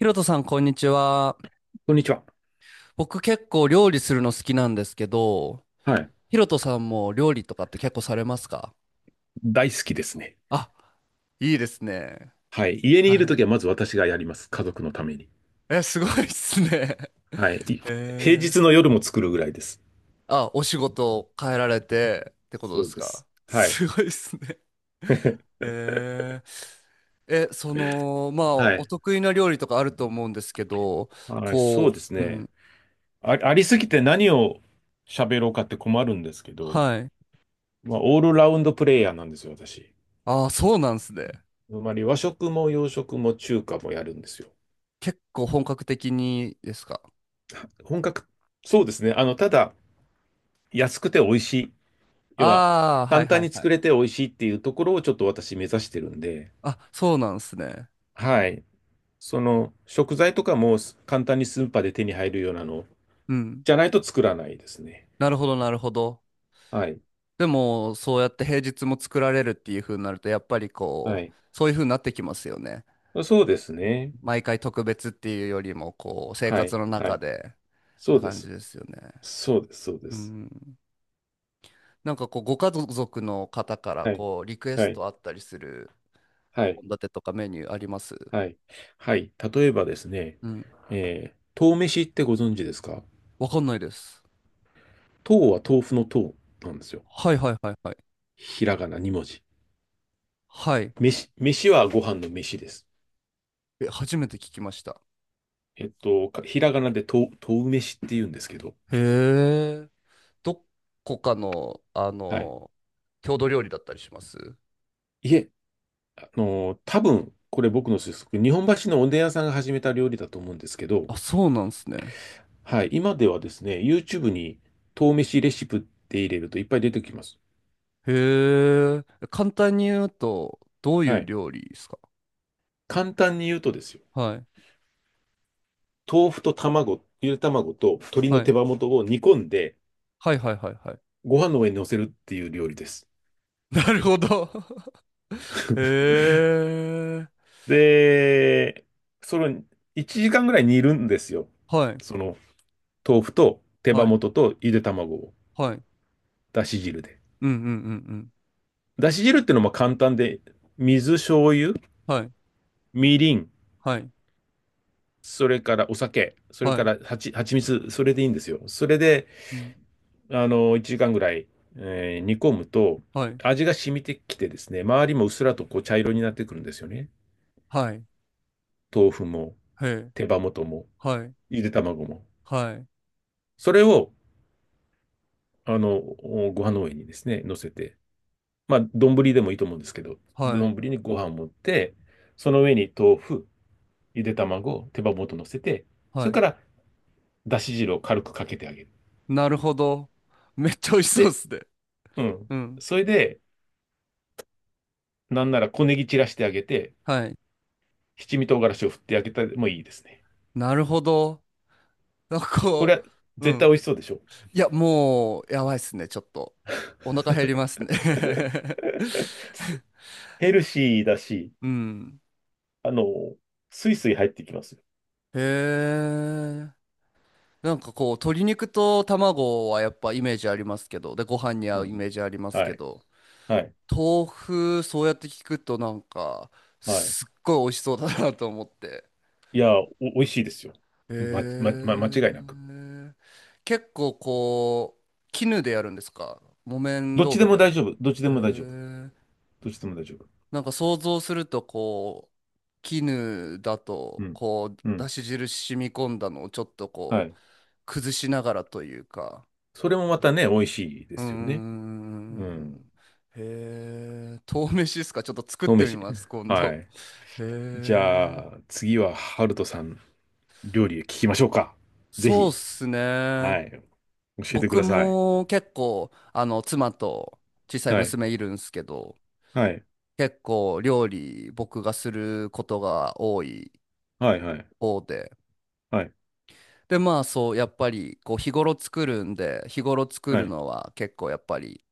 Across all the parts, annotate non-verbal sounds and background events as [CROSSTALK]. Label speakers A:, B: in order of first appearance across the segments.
A: ひろとさん、こんにちは。
B: こんにちは。
A: 僕結構料理するの好きなんですけど、
B: はい。
A: ひろとさんも料理とかって結構されますか？
B: 大好きですね。
A: あ、いいですね。
B: はい。家にいる
A: は
B: と
A: い。
B: きはまず私がやります。家族のために。
A: え、すごいっすね。[LAUGHS]
B: はい。平
A: え
B: 日
A: ー、
B: の夜も作るぐらいです。
A: あ、お仕事変えられてってことで
B: そう
A: す
B: で
A: か？
B: す。はい。
A: すごいっすね。えその、まあ、
B: は
A: お
B: い。
A: 得意な料理とかあると思うんですけど、
B: はい、そう
A: こ
B: です
A: う、う
B: ね。
A: ん。
B: あ、ありすぎて何を喋ろうかって困るんですけど、
A: はい。
B: まあ、オールラウンドプレイヤーなんですよ、私。
A: ああ、そうなんですね。
B: つまり和食も洋食も中華もやるんですよ。
A: 結構本格的にですか？
B: 本格、そうですね。ただ、安くて美味しい。要は、
A: ああ、はい
B: 簡単
A: はい
B: に
A: は
B: 作
A: い。
B: れて美味しいっていうところをちょっと私目指してるんで、
A: あ、そうなんですね。
B: はい。その食材とかも簡単にスーパーで手に入るようなの
A: うん。
B: じゃないと作らないですね。
A: なるほど、なるほど。
B: はい。
A: でも、そうやって平日も作られるっていう風になると、やっぱり
B: は
A: こう、
B: い。
A: そういう風になってきますよね。
B: そうですね。
A: 毎回特別っていうよりも、こう、生
B: は
A: 活
B: い。
A: の
B: は
A: 中
B: い。
A: でっ
B: そう
A: て
B: で
A: 感じ
B: す。
A: ですよね。
B: そうです。そうで
A: う
B: す。
A: ん。なんかこう、ご家族の方から、
B: はい。
A: こう、リクエ
B: は
A: ス
B: い。
A: トあったりする
B: はい。
A: 献立とかメニューあります？
B: はい。はい。例えばですね、
A: うん。
B: 豆飯ってご存知ですか？
A: わかんないです。
B: 豆は豆腐の豆なんですよ。
A: はいはいはいはい。
B: ひらがな2文字。
A: はい。
B: 飯、飯はご飯の飯です。
A: え、初めて聞きました。
B: ひらがなで豆飯って言うんですけど、
A: へえ。どこかの、あ
B: はい。
A: の、郷土料理だったりします？
B: いえ、多分、これ僕の推測、日本橋のおでん屋さんが始めた料理だと思うんですけど、
A: あ、そうなんですね。
B: はい、今ではですね、YouTube に豆飯レシピって入れるといっぱい出てきます。
A: へえ。簡単に言うと、どうい
B: は
A: う
B: い。
A: 料理ですか？
B: 簡単に言うとですよ、
A: はい。
B: 豆腐と卵、ゆで卵と鶏
A: は
B: の手
A: い。
B: 羽元を煮込んで、
A: はいはいはいはい。
B: ご飯の上に乗せるっていう料理です。
A: [LAUGHS] なるほど。[LAUGHS] へえ。
B: で、それを1時間ぐらい煮るんですよ。
A: はい。
B: その豆腐と手羽
A: はい。
B: 元とゆで卵を、
A: はい。
B: だし汁で。
A: うんうんうんうん。
B: だし汁っていうのも簡単で、水、醤油、
A: はい。
B: みりん、
A: はい。
B: それからお酒、それ
A: は
B: か
A: い。
B: ら蜂蜜、それでいいんですよ。それで、
A: うん。
B: 1時間ぐらい、煮込むと、
A: はい。
B: 味が染みてきてですね、周りもうっすらとこう茶色になってくるんですよね。
A: はい。
B: 豆腐も、
A: へえ。
B: 手羽元も、
A: はい。
B: ゆで卵も。
A: はい。
B: それを、あの、ご飯の上にですね、乗せて、まあ、丼でもいいと思うんですけど、
A: はい。
B: 丼にご飯を盛って、その上に豆腐、ゆで卵、手羽元乗せて、
A: は
B: それ
A: い。
B: から、だし汁を軽くかけてあげる。
A: なるほど。めっちゃ美味しそうで
B: で、
A: すね。
B: うん。
A: うん。
B: それで、なんなら小ネギ散らしてあげて、
A: はい。
B: 七味唐辛子を振ってあげてもいいですね。
A: なるほど。なんか
B: これ
A: こ
B: は
A: う、う
B: 絶対
A: ん。
B: 美味しそうでしょ？
A: いや、もう、やばいっすね、ちょっと。お腹減りますね。 [LAUGHS]
B: すヘルシーだし、
A: うん。
B: あの、スイスイ入ってきますよ。
A: へえ。なんかこう、鶏肉と卵はやっぱイメージありますけど、で、ご飯に合
B: う
A: うイ
B: ん。
A: メージあります
B: は
A: け
B: い。
A: ど、
B: はい。
A: 豆腐、そうやって聞くとなんか、
B: はい。
A: すっごい美味しそうだなと思って。
B: いや、美味しいですよ。
A: へ
B: 間違いなく。
A: え。結構こう、絹でやるんですか？木綿
B: どっ
A: 豆
B: ちで
A: 腐で
B: も
A: やるんで
B: 大
A: す
B: 丈夫。どっち
A: か？
B: で
A: へ
B: も大丈夫。
A: え。
B: どっちでも大丈夫。
A: なんか想像するとこう、絹だ
B: う
A: と
B: ん。
A: こう
B: う
A: だ
B: ん。
A: し汁染み込んだのをちょっと
B: は
A: こう
B: い。
A: 崩しながらというか。
B: それもまたね、美味しいで
A: うー
B: すよね。うん。
A: ん。へえ、豆飯ですか？ちょっと作っ
B: 豆
A: てみ
B: 飯。
A: ます、今
B: は
A: 度。
B: い。
A: へ
B: じ
A: え。
B: ゃあ、次は、ハルトさん。料理聞きましょうか？ぜ
A: そうっ
B: ひ。
A: すね。
B: はい。教えてく
A: 僕
B: ださい。
A: も結構あの妻と小さい
B: はい。
A: 娘いるんすけど、
B: はい。
A: 結構料理僕がすることが多い
B: はい。はい。
A: 方で、
B: はい。
A: で、まあそう、やっぱりこう日頃作るんで、日頃作
B: は
A: る
B: い。
A: のは結構やっぱり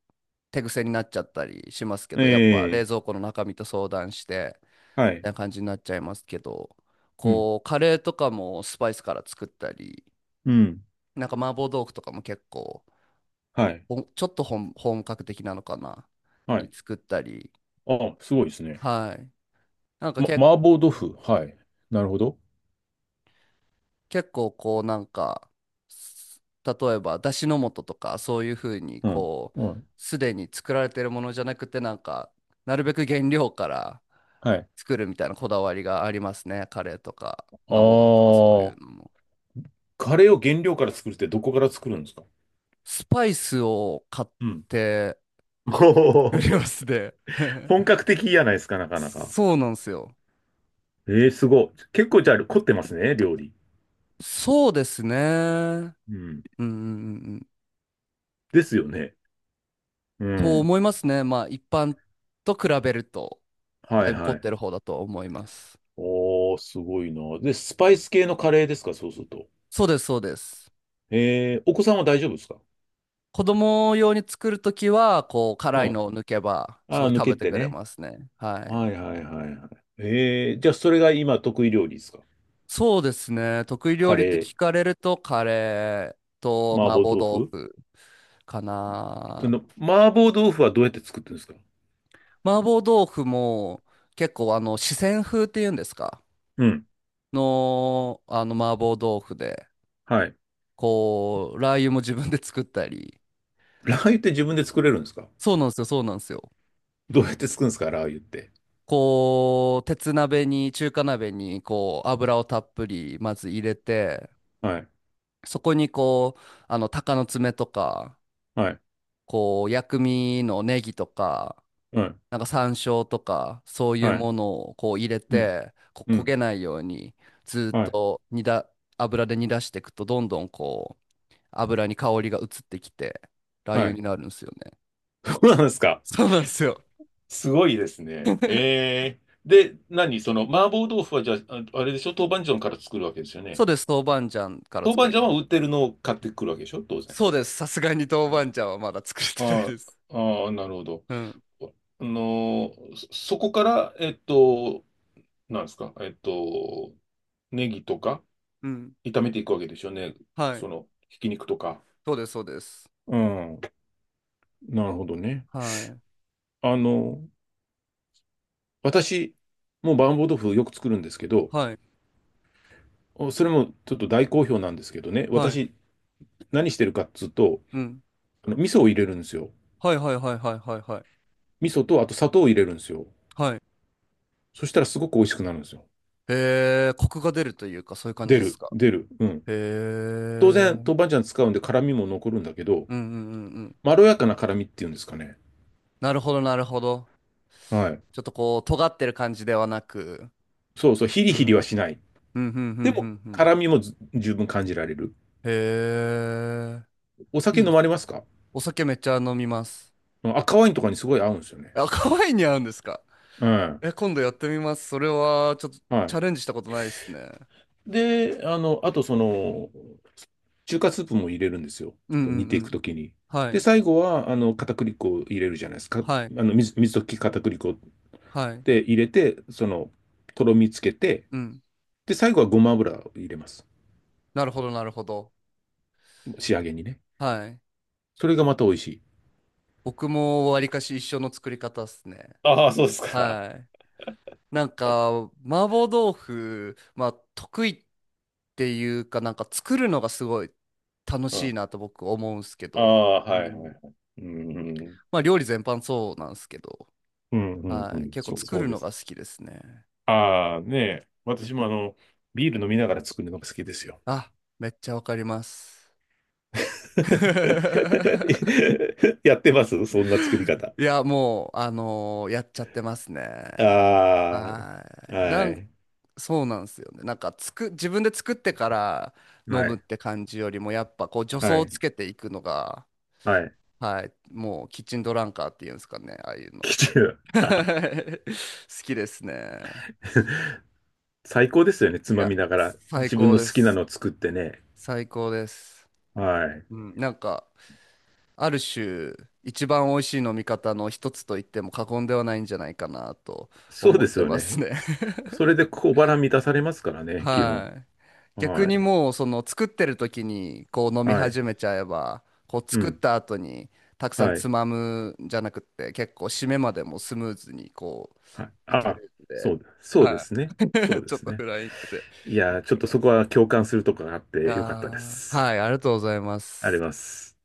A: 手癖になっちゃったりしますけど、やっぱ
B: ええ、
A: 冷蔵庫の中身と相談して、
B: は
A: み
B: い。
A: たいな感じになっちゃいますけど、
B: うん。
A: こうカレーとかもスパイスから作ったり、
B: うん。
A: なんか麻婆豆腐とかも結構、
B: はい。
A: ちょっと本格的なのかな、
B: はい。
A: に作ったり、
B: あ、すごいですね。
A: はい。なんか
B: 麻婆豆
A: 構、
B: 腐。はい。なるほど。
A: 結構こうなんか、例えば出汁の素とかそういうふうに
B: うん。
A: こう、
B: うん。
A: すでに作られてるものじゃなくてなんか、なるべく原料から
B: はい。
A: 作るみたいなこだわりがありますね。カレーとか
B: あ
A: 麻婆豆腐とかそういうの
B: ー、
A: も。
B: カレーを原料から作るってどこから作るんですか？
A: スパイスを買っ
B: うん。
A: て
B: [LAUGHS] お
A: 作りま
B: ー、
A: すね。
B: 本
A: [LAUGHS]
B: 格的じゃないですか、なかなか。
A: そうなんですよ。
B: ええ、すごい。結構じゃあ凝ってますね、料理。
A: そうですね。うん
B: うん。
A: うんうんうん。
B: ですよね。う
A: と
B: ん。
A: 思いますね。まあ一般と比べると、
B: は
A: だ
B: い
A: いぶ凝
B: は
A: っ
B: い。
A: てる方だと思います。
B: おー、すごいな。で、スパイス系のカレーですか、そうすると。
A: そうです、そうです。
B: お子さんは大丈夫ですか？
A: 子供用に作るときは、こう、
B: う
A: 辛い
B: ん。
A: のを抜けば、す
B: あ
A: ご
B: あ、
A: い
B: 抜
A: 食
B: け
A: べて
B: て
A: くれ
B: ね。
A: ますね。は
B: は
A: い。
B: いはいはいはい。じゃあそれが今得意料理ですか？
A: そうですね。得意料
B: カ
A: 理っ
B: レ
A: て
B: ー、
A: 聞かれると、カレーと
B: 麻
A: 麻
B: 婆
A: 婆
B: 豆
A: 豆
B: 腐。
A: 腐かな。
B: 麻婆豆腐はどうやって作ってるんですか？
A: 麻婆豆腐も、結構、あの、四川風っていうんですか、
B: うん。
A: の、あの、麻婆豆腐で、
B: はい。
A: こう、ラー油も自分で作ったり。
B: ラー油って自分で作れるんですか？
A: そうなんですよ、そうなんですよ。
B: どうやって作るんですかラー油って。
A: こう、鉄鍋に、中華鍋に、こう、油をたっぷり、まず入れて、
B: はい。
A: そこにこう、あの、鷹の爪とか、
B: はい。
A: こう、薬味のネギとか、
B: うん。
A: なんか山椒とか、そういう
B: はい。
A: ものをこう入れ
B: うん。
A: て、こ
B: う
A: う焦
B: ん。
A: げないように、ずっ
B: はい。
A: と煮だ、油で煮出していくと、どんどんこう、油に香りが移ってきて、ラー
B: は
A: 油に
B: い。
A: なるんですよね。
B: どうなんですか？
A: そうなんですよ。
B: すごいですね。ええ、で、何その、麻婆豆腐はじゃあ、あれでしょ、豆板醤から作るわけですよ
A: そう
B: ね。
A: です、豆板醤から
B: 豆板
A: 作り
B: 醤
A: ま
B: は
A: す。
B: 売ってるのを買ってくるわけでしょ、当然。
A: そうです、さすがに豆
B: う
A: 板
B: ん。
A: 醤はまだ作れてない
B: あ
A: です。
B: あ、ああ、なるほど。
A: うん、
B: そこから、なんですか、ネギとか
A: うん、
B: 炒めていくわけでしょうね。
A: はい。
B: その、ひき肉とか。
A: そうです、そうです。
B: うん、なるほどね。
A: はい、
B: あの、私、もう麻婆豆腐よく作るんですけど、
A: はい、
B: それもちょっと大好評なんですけどね、
A: はい、
B: 私、何してるかっつうと、
A: うん。
B: 味噌を入れるんですよ。
A: はいはいはいはいはいはい。
B: 味噌と、あと砂糖を入れるんですよ。
A: はい。
B: そしたらすごく美味しくなるんですよ。
A: へえ、コクが出るというか、そういう感じ
B: 出
A: です
B: る、
A: か。
B: 出る。うん。
A: へ
B: 当然、豆板
A: え。
B: 醤使うんで辛みも残るんだけど、
A: うんうんうんうん。
B: まろやかな辛みっていうんですかね。
A: なるほどなるほど。
B: はい。
A: ちょっとこう、尖ってる感じではなく。
B: そうそう、ヒ
A: う
B: リヒリはしな
A: ん。
B: い。
A: うんうんうんう
B: でも、
A: んうん。
B: 辛みもず十分感じられる。
A: へ
B: お
A: え。い
B: 酒
A: いっ
B: 飲ま
A: す。
B: れますか？
A: お酒めっちゃ飲みます。
B: うん。赤ワインとかにすごい合うんですよね。
A: あ、可愛いに合うんですか？
B: うん。
A: え、今度やってみます。それは、ちょっと
B: は
A: チャ
B: い。
A: レンジしたことないですね。
B: で、あと中華スープも入れるんですよ。ち
A: う
B: ょ
A: ん
B: っと
A: う
B: 煮
A: ん
B: て
A: う
B: いく
A: ん。
B: ときに。
A: は
B: で、
A: い。
B: 最後は、片栗粉を入れるじゃないですか。
A: はい。
B: 水溶き片栗粉
A: はい。
B: で入れて、とろみつけて、
A: うん。
B: で、最後はごま油を入れます。
A: なるほどなるほど。
B: 仕上げにね。
A: はい。
B: それがまた美味しい。
A: 僕もわりかし一緒の作り方っすね。
B: ああ、そうですか。
A: はい。なんか、麻婆豆腐、まあ、得意っていうか、なんか作るのがすごい楽
B: う
A: しい
B: ん。
A: なと僕思うんすけ
B: あ
A: ど、
B: あ、
A: う
B: はい
A: ん。
B: はいはい。うん。
A: まあ、料理全般そうなんすけど、
B: うんうんう
A: はい。
B: ん。
A: 結構
B: そう、
A: 作
B: そう
A: る
B: で
A: の
B: す。
A: が好きですね。
B: ああ、ねえ。私もビール飲みながら作るのが好きですよ。
A: あ、めっちゃわかります。[LAUGHS]
B: [LAUGHS] やってますそんな作り方。
A: いや、もう、やっちゃってますね。
B: あ
A: は
B: あ、
A: い。
B: はい、
A: そうなんですよね。なんか自分で作ってから飲
B: は
A: むっ
B: い。
A: て感じよりも、やっぱこう助走
B: は
A: をつ
B: い。
A: けていくのが、
B: はい。
A: はい、もうキッチンドランカーっていうんですかね、ああいう
B: [LAUGHS]
A: の。
B: きちゅう。
A: [LAUGHS] 好きですね。
B: [LAUGHS] 最高ですよね。つ
A: い
B: ま
A: や、
B: みながら。
A: 最
B: 自分
A: 高
B: の
A: で
B: 好きな
A: す。
B: のを作ってね。
A: 最高です。
B: はい。
A: うん、なんか、ある種、一番美味しい飲み方の一つと言っても過言ではないんじゃないかなと
B: そう
A: 思
B: で
A: っ
B: す
A: て
B: よ
A: ます
B: ね。
A: ね。[LAUGHS]
B: それで小腹満たされますからね、基本。
A: はい。逆
B: は
A: に
B: い。
A: もうその作ってる時にこう飲み
B: はい。
A: 始めちゃえばこう
B: う
A: 作っ
B: ん。
A: た後にたくさん
B: はい。
A: つまむんじゃなくって結構締めまでもスムーズにこ
B: はい。
A: ういけ
B: あ、
A: るんで、
B: そう、そうで
A: は
B: す
A: い。
B: ね。そ
A: [LAUGHS]
B: うで
A: ちょっ
B: す
A: とフ
B: ね。
A: ライングで
B: い
A: い
B: やー、ちょっ
A: き
B: と
A: ま
B: そこ
A: す。
B: は共感するとこがあっ
A: い
B: て
A: や
B: よかったで
A: ー、
B: す。
A: はい、ありがとうございま
B: あ
A: す。
B: ります。